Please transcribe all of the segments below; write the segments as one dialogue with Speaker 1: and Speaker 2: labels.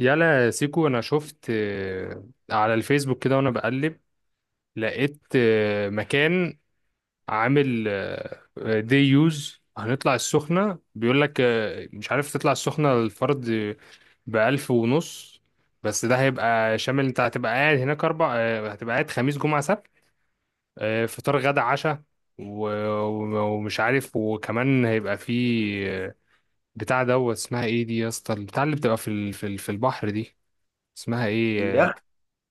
Speaker 1: يلا يا سيكو، انا شفت على الفيسبوك كده، وانا بقلب لقيت مكان عامل دي يوز. هنطلع السخنة بيقول لك مش عارف، تطلع السخنة الفرد بألف ونص، بس ده هيبقى شامل. انت هتبقى قاعد هناك اربع هتبقى قاعد خميس جمعة سبت، فطار غدا عشاء، و- ومش عارف، وكمان هيبقى فيه بتاع دوت. اسمها ايه دي يا اسطى، البتاع اللي بتبقى في البحر دي، اسمها ايه؟
Speaker 2: يخت.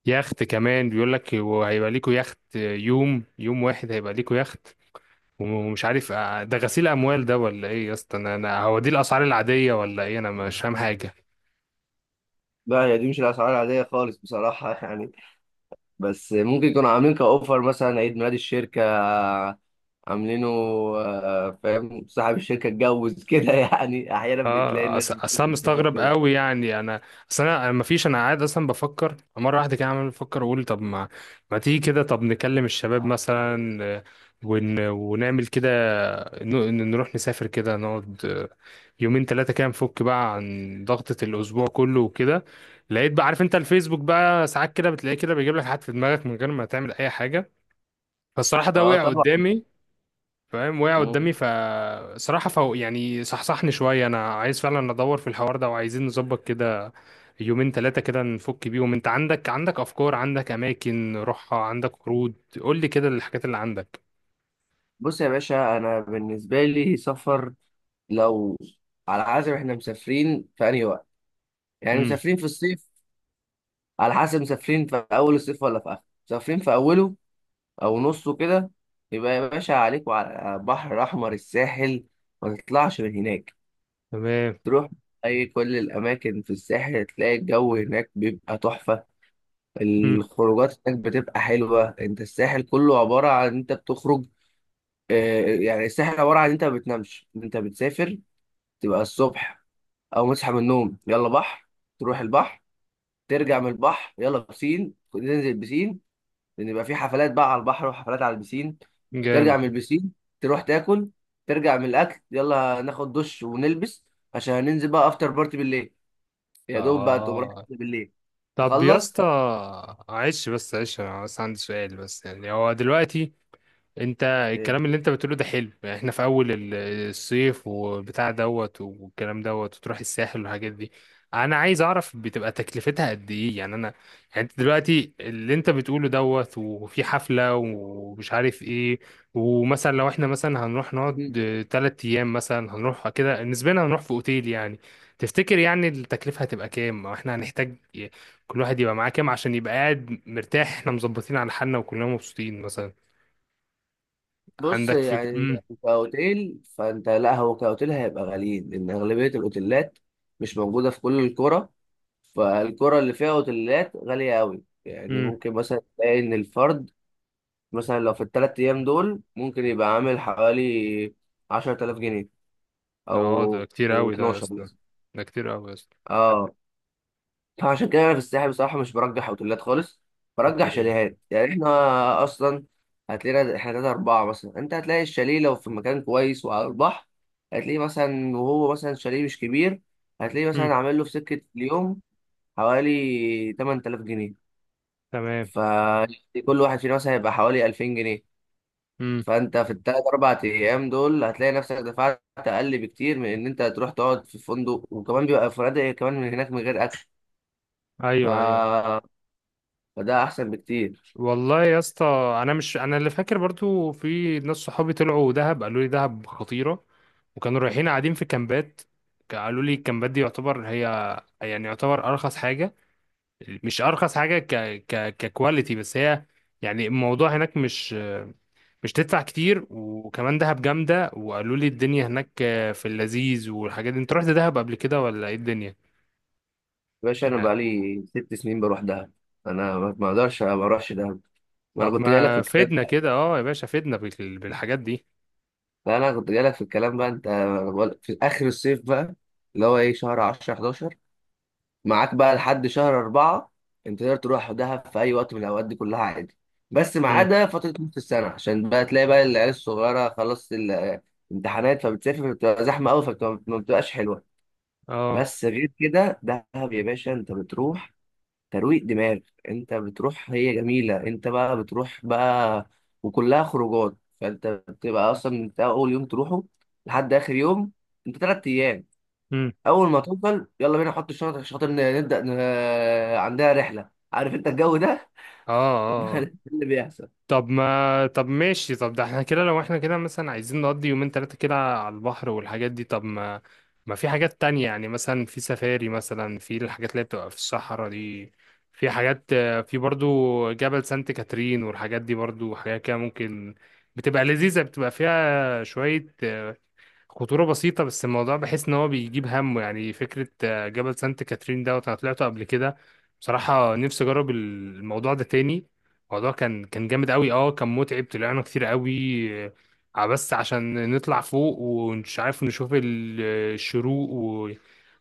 Speaker 1: يخت. كمان بيقول لك وهيبقى ليكوا يخت، يوم يوم واحد هيبقى ليكوا يخت. ومش عارف ده غسيل اموال ده ولا ايه يا اسطى؟ انا هو دي الاسعار العاديه ولا ايه؟ انا مش فاهم حاجه.
Speaker 2: بقى هي دي مش الاسعار العاديه خالص بصراحه، يعني بس ممكن يكونوا عاملين كاوفر مثلا عيد ميلاد الشركه عاملينه. فاهم صاحب الشركه اتجوز كده يعني احيانا بتلاقي
Speaker 1: اه
Speaker 2: الناس
Speaker 1: اصل انا
Speaker 2: بتعمل
Speaker 1: مستغرب
Speaker 2: كده.
Speaker 1: قوي، يعني انا اصل انا ما فيش، انا قاعد اصلا بفكر مره واحده كده، عمال بفكر اقول طب ما تيجي كده، طب نكلم الشباب مثلا ونعمل كده، نروح نسافر كده نقعد يومين ثلاثة كده، نفك بقى عن ضغطة الأسبوع كله وكده. لقيت بقى، عارف أنت الفيسبوك بقى ساعات كده بتلاقيه كده بيجيب لك حاجات في دماغك من غير ما تعمل أي حاجة، فالصراحة ده
Speaker 2: اه
Speaker 1: وقع
Speaker 2: طبعا.
Speaker 1: قدامي. فاهم، وقع
Speaker 2: مم.
Speaker 1: قدامي، فصراحة فهو يعني صحصحني شوية، أنا عايز فعلا أدور في الحوار ده، وعايزين نظبط كده يومين ثلاثة كده نفك بيهم. أنت عندك أفكار، عندك أماكن روحها، عندك عروض؟ قول لي كده الحاجات اللي عندك.
Speaker 2: بص يا باشا، انا بالنسبه لي سفر، لو على حسب احنا مسافرين في انهي وقت، يعني
Speaker 1: امم.
Speaker 2: مسافرين في الصيف، على حسب مسافرين في اول الصيف ولا في اخره، مسافرين في اوله او نصه كده. يبقى يا باشا عليك وعلى بحر احمر الساحل، ما تطلعش من هناك.
Speaker 1: تمام.
Speaker 2: تروح اي كل الاماكن في الساحل تلاقي الجو هناك بيبقى تحفة.
Speaker 1: امم.
Speaker 2: الخروجات هناك بتبقى حلوة، انت الساحل كله عبارة عن انت بتخرج. يعني الساحل عبارة عن انت ما بتنامش، انت بتسافر. تبقى الصبح او مصحى من النوم يلا بحر، تروح البحر، ترجع من البحر يلا بسين، تنزل بسين، لان يبقى في حفلات بقى على البحر وحفلات على البسين. ترجع
Speaker 1: جامد.
Speaker 2: من البسين، تروح تاكل، ترجع من الاكل يلا ناخد دش ونلبس عشان هننزل بقى افتر بارتي بالليل، يا دوب بقى تقوم رايح
Speaker 1: اه.
Speaker 2: تاكل بالليل
Speaker 1: طب يا
Speaker 2: تخلص.
Speaker 1: اسطى عيش بس عيش، انا بس عندي سؤال بس، يعني هو دلوقتي انت
Speaker 2: إيه.
Speaker 1: الكلام اللي انت بتقوله ده حلو، يعني احنا في اول الصيف وبتاع دوت والكلام دوت وتروح الساحل والحاجات دي. انا عايز اعرف بتبقى تكلفتها قد ايه؟ يعني انا يعني انت دلوقتي اللي انت بتقوله دوت وفي حفلة ومش عارف ايه، ومثلا لو احنا مثلا هنروح نقعد
Speaker 2: مم.
Speaker 1: 3 ايام مثلا، هنروح كده نسبيا هنروح في اوتيل يعني، تفتكر يعني التكلفة هتبقى كام؟ او احنا هنحتاج كل واحد يبقى معاه كام عشان يبقى قاعد مرتاح، احنا مظبطين على حالنا وكلنا مبسوطين مثلا؟
Speaker 2: بص
Speaker 1: عندك فكرة؟
Speaker 2: يعني
Speaker 1: امم.
Speaker 2: كاوتيل، فانت لا هو كاوتيل هيبقى غاليين لان اغلبيه الاوتيلات مش موجوده في كل القرى. فالقرى اللي فيها اوتيلات غاليه قوي، يعني
Speaker 1: امم.
Speaker 2: ممكن مثلا تلاقي ان الفرد مثلا لو في الثلاث ايام دول ممكن يبقى عامل حوالي 10000 جنيه
Speaker 1: اه، ده
Speaker 2: او
Speaker 1: كتير قوي ده يا
Speaker 2: 12.
Speaker 1: اسطى، ده كتير قوي يا اسطى.
Speaker 2: اه فعشان كده انا في الساحل بصراحه مش برجح اوتيلات خالص، برجح
Speaker 1: اوكي.
Speaker 2: شاليهات. يعني احنا اصلا هتلاقينا احنا تلاته اربعه مثلا، انت هتلاقي الشاليه لو في مكان كويس وعلى البحر هتلاقيه مثلا، وهو مثلا شاليه مش كبير هتلاقيه
Speaker 1: امم.
Speaker 2: مثلا عامل له في سكه اليوم حوالي 8000 جنيه.
Speaker 1: تمام.
Speaker 2: فكل واحد فينا مثلا هيبقى حوالي 2000 جنيه.
Speaker 1: امم.
Speaker 2: فانت في الثلاث اربع ايام دول هتلاقي نفسك دفعت اقل بكتير من ان انت تروح تقعد في فندق، وكمان بيبقى فنادق كمان من هناك من غير اكل.
Speaker 1: ايوه ايوه.
Speaker 2: ف فده احسن بكتير.
Speaker 1: والله يا اسطى، انا مش انا اللي فاكر، برضو في ناس صحابي طلعوا دهب قالوا لي دهب خطيرة، وكانوا رايحين قاعدين في كامبات. قالوا لي الكامبات دي يعتبر هي، يعني يعتبر ارخص حاجة، مش ارخص حاجة ك ككواليتي، بس هي يعني الموضوع هناك مش، مش تدفع كتير، وكمان دهب جامدة. وقالوا لي الدنيا هناك في اللذيذ والحاجات دي. انت رحت دهب قبل كده ولا ايه الدنيا
Speaker 2: يا باشا انا
Speaker 1: يعني؟
Speaker 2: بقالي 6 سنين بروح دهب، انا ما اقدرش ما اروحش دهب، ما انا
Speaker 1: طب
Speaker 2: كنت جايلك في
Speaker 1: ما
Speaker 2: الكلام.
Speaker 1: فدنا كده، اه يا باشا فدنا بالحاجات دي.
Speaker 2: لا انا كنت جايلك في الكلام بقى. انت في اخر الصيف بقى، اللي هو ايه شهر 10 11، معاك بقى لحد شهر 4. انت تقدر تروح دهب في اي وقت من الاوقات دي كلها عادي، بس ما
Speaker 1: مم.
Speaker 2: عدا فتره نص السنه عشان بقى تلاقي بقى العيال الصغيره خلاص الامتحانات، فبتسافر بتبقى زحمه قوي فما بتبقاش حلوه.
Speaker 1: اه.
Speaker 2: بس غير كده دهب يا باشا، انت بتروح ترويق دماغ، انت بتروح، هي جميلة، انت بقى بتروح بقى وكلها خروجات. فانت بتبقى اصلا من اول يوم تروحه لحد اخر يوم. انت تلات ايام
Speaker 1: مم.
Speaker 2: اول ما توصل يلا بينا نحط الشنط عشان خاطر نبدأ عندها رحلة، عارف انت الجو ده.
Speaker 1: اه اه اه.
Speaker 2: ده اللي بيحصل.
Speaker 1: طب ما، طب ماشي، طب ده احنا كده لو احنا كده مثلا عايزين نقضي يومين تلاتة كده على البحر والحاجات دي، طب ما ما في حاجات تانية؟ يعني مثلا في سفاري، مثلا في الحاجات اللي هي بتبقى في الصحراء دي، في حاجات في برضو جبل سانت كاترين والحاجات دي، برضو حاجات كده ممكن بتبقى لذيذة، بتبقى فيها شوية خطورة بسيطة، بس الموضوع بحس إن هو بيجيب همه. يعني فكرة جبل سانت كاترين دوت، أنا طلعته قبل كده. بصراحة نفسي أجرب الموضوع ده تاني. الموضوع كان جامد أوي، أه كان متعب، طلعنا كتير أوي، بس عشان نطلع فوق، ومش عارف نشوف الشروق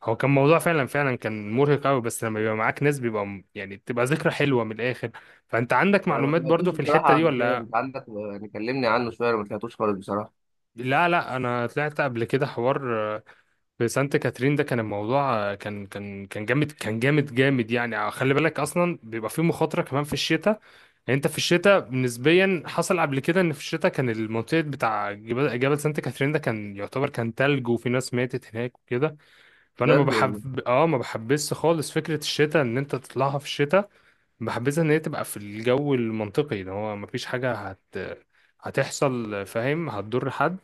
Speaker 1: هو كان موضوع فعلا، فعلا كان مرهق أوي، بس لما بيبقى معاك ناس بيبقى يعني بتبقى ذكرى حلوة من الآخر. فأنت عندك
Speaker 2: انا ما
Speaker 1: معلومات
Speaker 2: سمعتوش
Speaker 1: برضو في الحتة
Speaker 2: بصراحة
Speaker 1: دي
Speaker 2: قبل كده،
Speaker 1: ولا؟
Speaker 2: انت عندك يعني كلمني عنه شوية، انا ما سمعتوش خالص بصراحة.
Speaker 1: لا لا، أنا طلعت قبل كده حوار، في سانت كاترين ده. كان الموضوع كان جامد، كان جامد جامد يعني. خلي بالك اصلا بيبقى فيه مخاطره كمان في الشتاء، يعني انت في الشتاء نسبيا حصل قبل كده ان في الشتاء كان المنطقه بتاع جبل سانت كاترين ده كان يعتبر كان تلج، وفي ناس ماتت هناك وكده، فانا ما
Speaker 2: بجد والله.
Speaker 1: بحب، اه ما بحبش خالص فكره الشتاء ان انت تطلعها في الشتاء. بحبذها ان هي تبقى في الجو المنطقي ده، هو ما فيش حاجه هتحصل، فاهم، هتضر حد.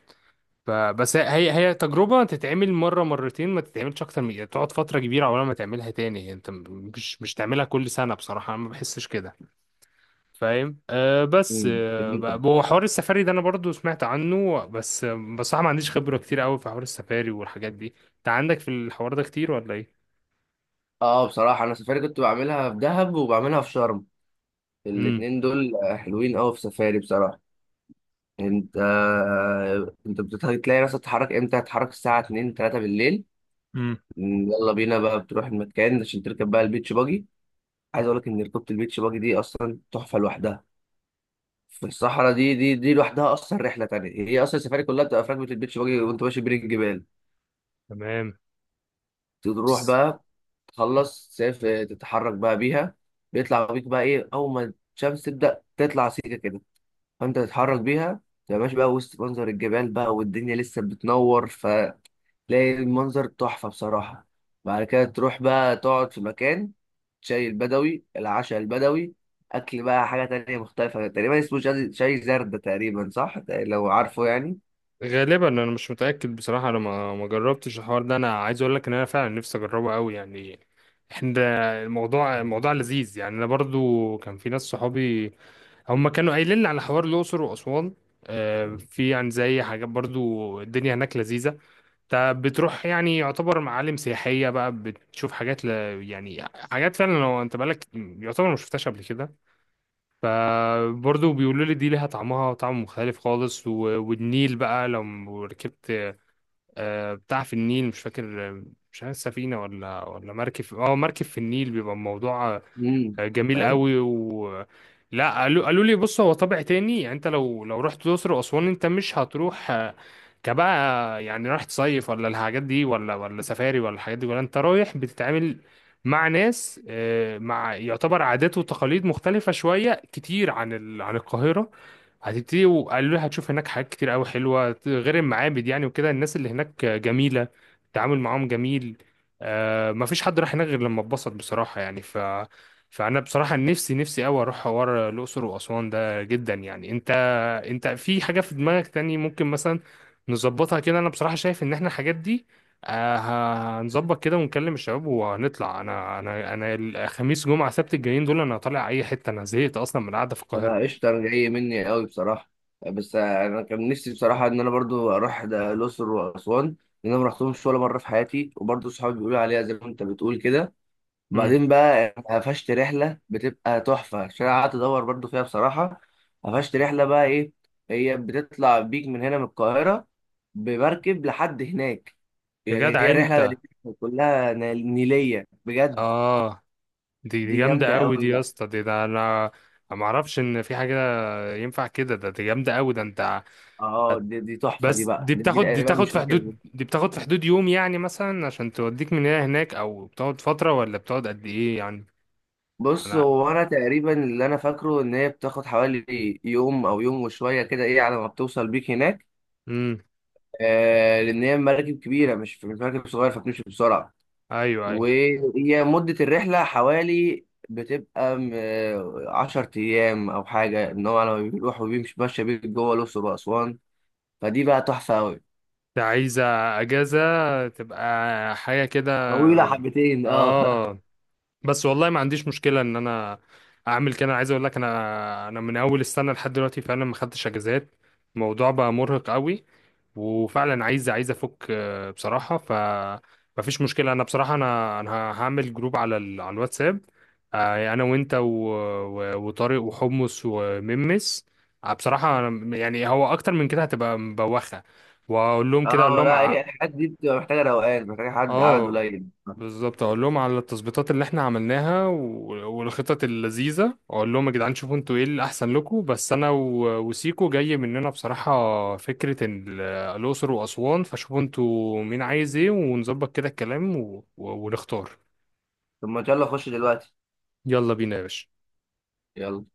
Speaker 1: فبس هي، هي تجربة تتعمل مرة مرتين، ما تتعملش أكتر، من تقعد فترة كبيرة عقبال ما تعملها تاني، يعني أنت مش تعملها كل سنة، بصراحة أنا ما بحسش كده، فاهم. أه بس
Speaker 2: جميل.
Speaker 1: هو حوار السفاري ده أنا برضو سمعت عنه، بس بصراحة ما عنديش خبرة كتير قوي في حوار السفاري والحاجات دي. أنت عندك في الحوار ده كتير ولا إيه؟
Speaker 2: اه بصراحة انا سفاري كنت بعملها في دهب وبعملها في شرم،
Speaker 1: امم.
Speaker 2: الاتنين دول حلوين قوي في سفاري بصراحة. انت انت بتلاقي نفسك تتحرك امتى، هتتحرك الساعه 2 3 بالليل،
Speaker 1: امم.
Speaker 2: يلا بينا بقى، بتروح المكان عشان تركب بقى البيتش باجي. عايز اقول لك ان ركوبة البيتش باجي دي اصلا تحفه لوحدها، في الصحراء دي لوحدها اصلا رحله تانية. هي اصلا السفاري كلها بتبقى في ركبه البيتش باجي وانت ماشي بين الجبال.
Speaker 1: تمام.
Speaker 2: تروح بقى تخلص، تسافر تتحرك بقى بيها، بيطلع بيك بقى ايه اول ما الشمس تبدا تطلع سيكه كده، فانت تتحرك بيها تبقى ماشي بقى وسط منظر الجبال بقى والدنيا لسه بتنور. تلاقي المنظر تحفة بصراحة. بعد كده تروح بقى تقعد في مكان، شاي البدوي العشاء البدوي، أكل بقى حاجة تانية مختلفة تقريبا اسمه شاي، شاي زردة تقريبا، صح لو عارفه يعني.
Speaker 1: غالبا انا مش متاكد بصراحه، انا ما جربتش الحوار ده. انا عايز اقول لك ان انا فعلا نفسي اجربه قوي، يعني احنا، الموضوع لذيذ، يعني انا برضو كان في ناس صحابي هم كانوا قايلين لي على حوار الاقصر واسوان. في يعني زي حاجات برضو الدنيا هناك لذيذه، انت بتروح يعني يعتبر معالم سياحيه بقى، بتشوف حاجات يعني حاجات فعلا لو انت بالك يعتبر ما شفتهاش قبل كده. فبرضو بيقولوا لي دي ليها طعمها، طعم مختلف خالص، والنيل بقى لو ركبت بتاع في النيل، مش فاكر مش عارف سفينة ولا مركب، اه مركب في النيل بيبقى الموضوع
Speaker 2: امم.
Speaker 1: جميل
Speaker 2: فاهم.
Speaker 1: قوي و. لا قالوا لي بص، هو طابع تاني، يعني انت لو رحت الاقصر واسوان انت مش هتروح كبقى يعني رايح تصيف ولا الحاجات دي، ولا سفاري ولا الحاجات دي، ولا انت رايح بتتعامل مع ناس، مع يعتبر عادات وتقاليد مختلفة شوية كتير عن عن القاهرة هتبتدي. وقالوا لي هتشوف هناك حاجات كتير قوي حلوة غير المعابد، يعني وكده الناس اللي هناك جميلة، التعامل معاهم جميل. مفيش حد راح هناك غير لما اتبسط بصراحة يعني، ف فانا بصراحه نفسي نفسي قوي اروح حوار الاقصر واسوان ده جدا، يعني انت، انت في حاجه في دماغك تاني ممكن مثلا نظبطها كده؟ انا بصراحه شايف ان احنا الحاجات دي هنظبط كده ونكلم الشباب وهنطلع. انا انا الخميس جمعه سبت الجايين دول انا طالع اي حته، انا زهقت اصلا من القعده في
Speaker 2: أنا
Speaker 1: القاهره.
Speaker 2: قشطة، جاي مني قوي بصراحة. بس أنا كان نفسي بصراحة إن أنا برضو أروح ده الأقصر وأسوان، لأن أنا مرحتهمش ولا مرة في حياتي، وبرضو صحابي بيقولوا عليها زي ما أنت بتقول كده.
Speaker 1: امم.
Speaker 2: وبعدين بقى قفشت رحلة بتبقى تحفة عشان أنا قعدت أدور برضو فيها بصراحة. قفشت رحلة بقى إيه، هي بتطلع بيك من هنا من القاهرة بمركب لحد هناك،
Speaker 1: يا
Speaker 2: يعني
Speaker 1: جدع
Speaker 2: هي رحلة
Speaker 1: انت،
Speaker 2: كلها نيلية بجد.
Speaker 1: اه دي
Speaker 2: دي جامدة
Speaker 1: جامده قوي دي
Speaker 2: أوي
Speaker 1: يا
Speaker 2: بقى.
Speaker 1: اسطى، دي ده انا ما اعرفش ان في حاجه ينفع كده، ده دي جامده قوي ده انت.
Speaker 2: اه دي تحفة دي
Speaker 1: بس
Speaker 2: بقى،
Speaker 1: دي
Speaker 2: دي
Speaker 1: بتاخد، دي
Speaker 2: تقريبا مش
Speaker 1: تاخد في
Speaker 2: فاكر.
Speaker 1: حدود، دي بتاخد في حدود يوم، يعني مثلا عشان توديك من هنا هناك، او بتقعد فترة، ولا بتقعد قد ايه يعني؟
Speaker 2: بص
Speaker 1: انا
Speaker 2: هو أنا تقريبا اللي أنا فاكره إن هي بتاخد حوالي يوم أو يوم وشوية كده إيه على ما بتوصل بيك هناك.
Speaker 1: امم.
Speaker 2: آه لأن هي مراكب كبيرة مش مراكب صغيرة، فبتمشي بسرعة.
Speaker 1: ايوه ايوه.
Speaker 2: وهي مدة الرحلة حوالي بتبقى 10 أيام أو حاجة، إن هو لما بيروح وبيمشي ماشي بيك جوه الأقصر وأسوان، فدي بقى تحفة أوي.
Speaker 1: انت عايزة اجازة تبقى حاجة كده؟
Speaker 2: طويلة حبتين أه
Speaker 1: اه، بس والله ما عنديش مشكلة ان انا اعمل كده. انا عايز اقول لك، انا انا من اول السنة لحد دلوقتي فعلا ما خدتش اجازات، الموضوع بقى مرهق قوي، وفعلا عايز، عايز افك بصراحه. ف مفيش مشكله، انا بصراحه انا انا هعمل جروب على على الواتساب، انا وانت وطارق وحمص وممس، بصراحه يعني هو اكتر من كده هتبقى مبوخه. واقول لهم كده، اقول
Speaker 2: أه
Speaker 1: لهم
Speaker 2: لا هي الحاجات دي بتبقى محتاجة روقان، محتاجة حد عدد
Speaker 1: اه
Speaker 2: قليل.
Speaker 1: بالظبط، اقول لهم على التظبيطات اللي احنا عملناها والخطط اللذيذه. اقول لهم يا جدعان شوفوا انتوا ايه اللي احسن لكم، بس انا وسيكو جاي مننا بصراحه فكره الاقصر واسوان. فشوفوا انتوا مين عايز ايه ونظبط كده الكلام ونختار.
Speaker 2: طب ما يلا خش دلوقتي،
Speaker 1: يلا بينا يا باشا.
Speaker 2: يلا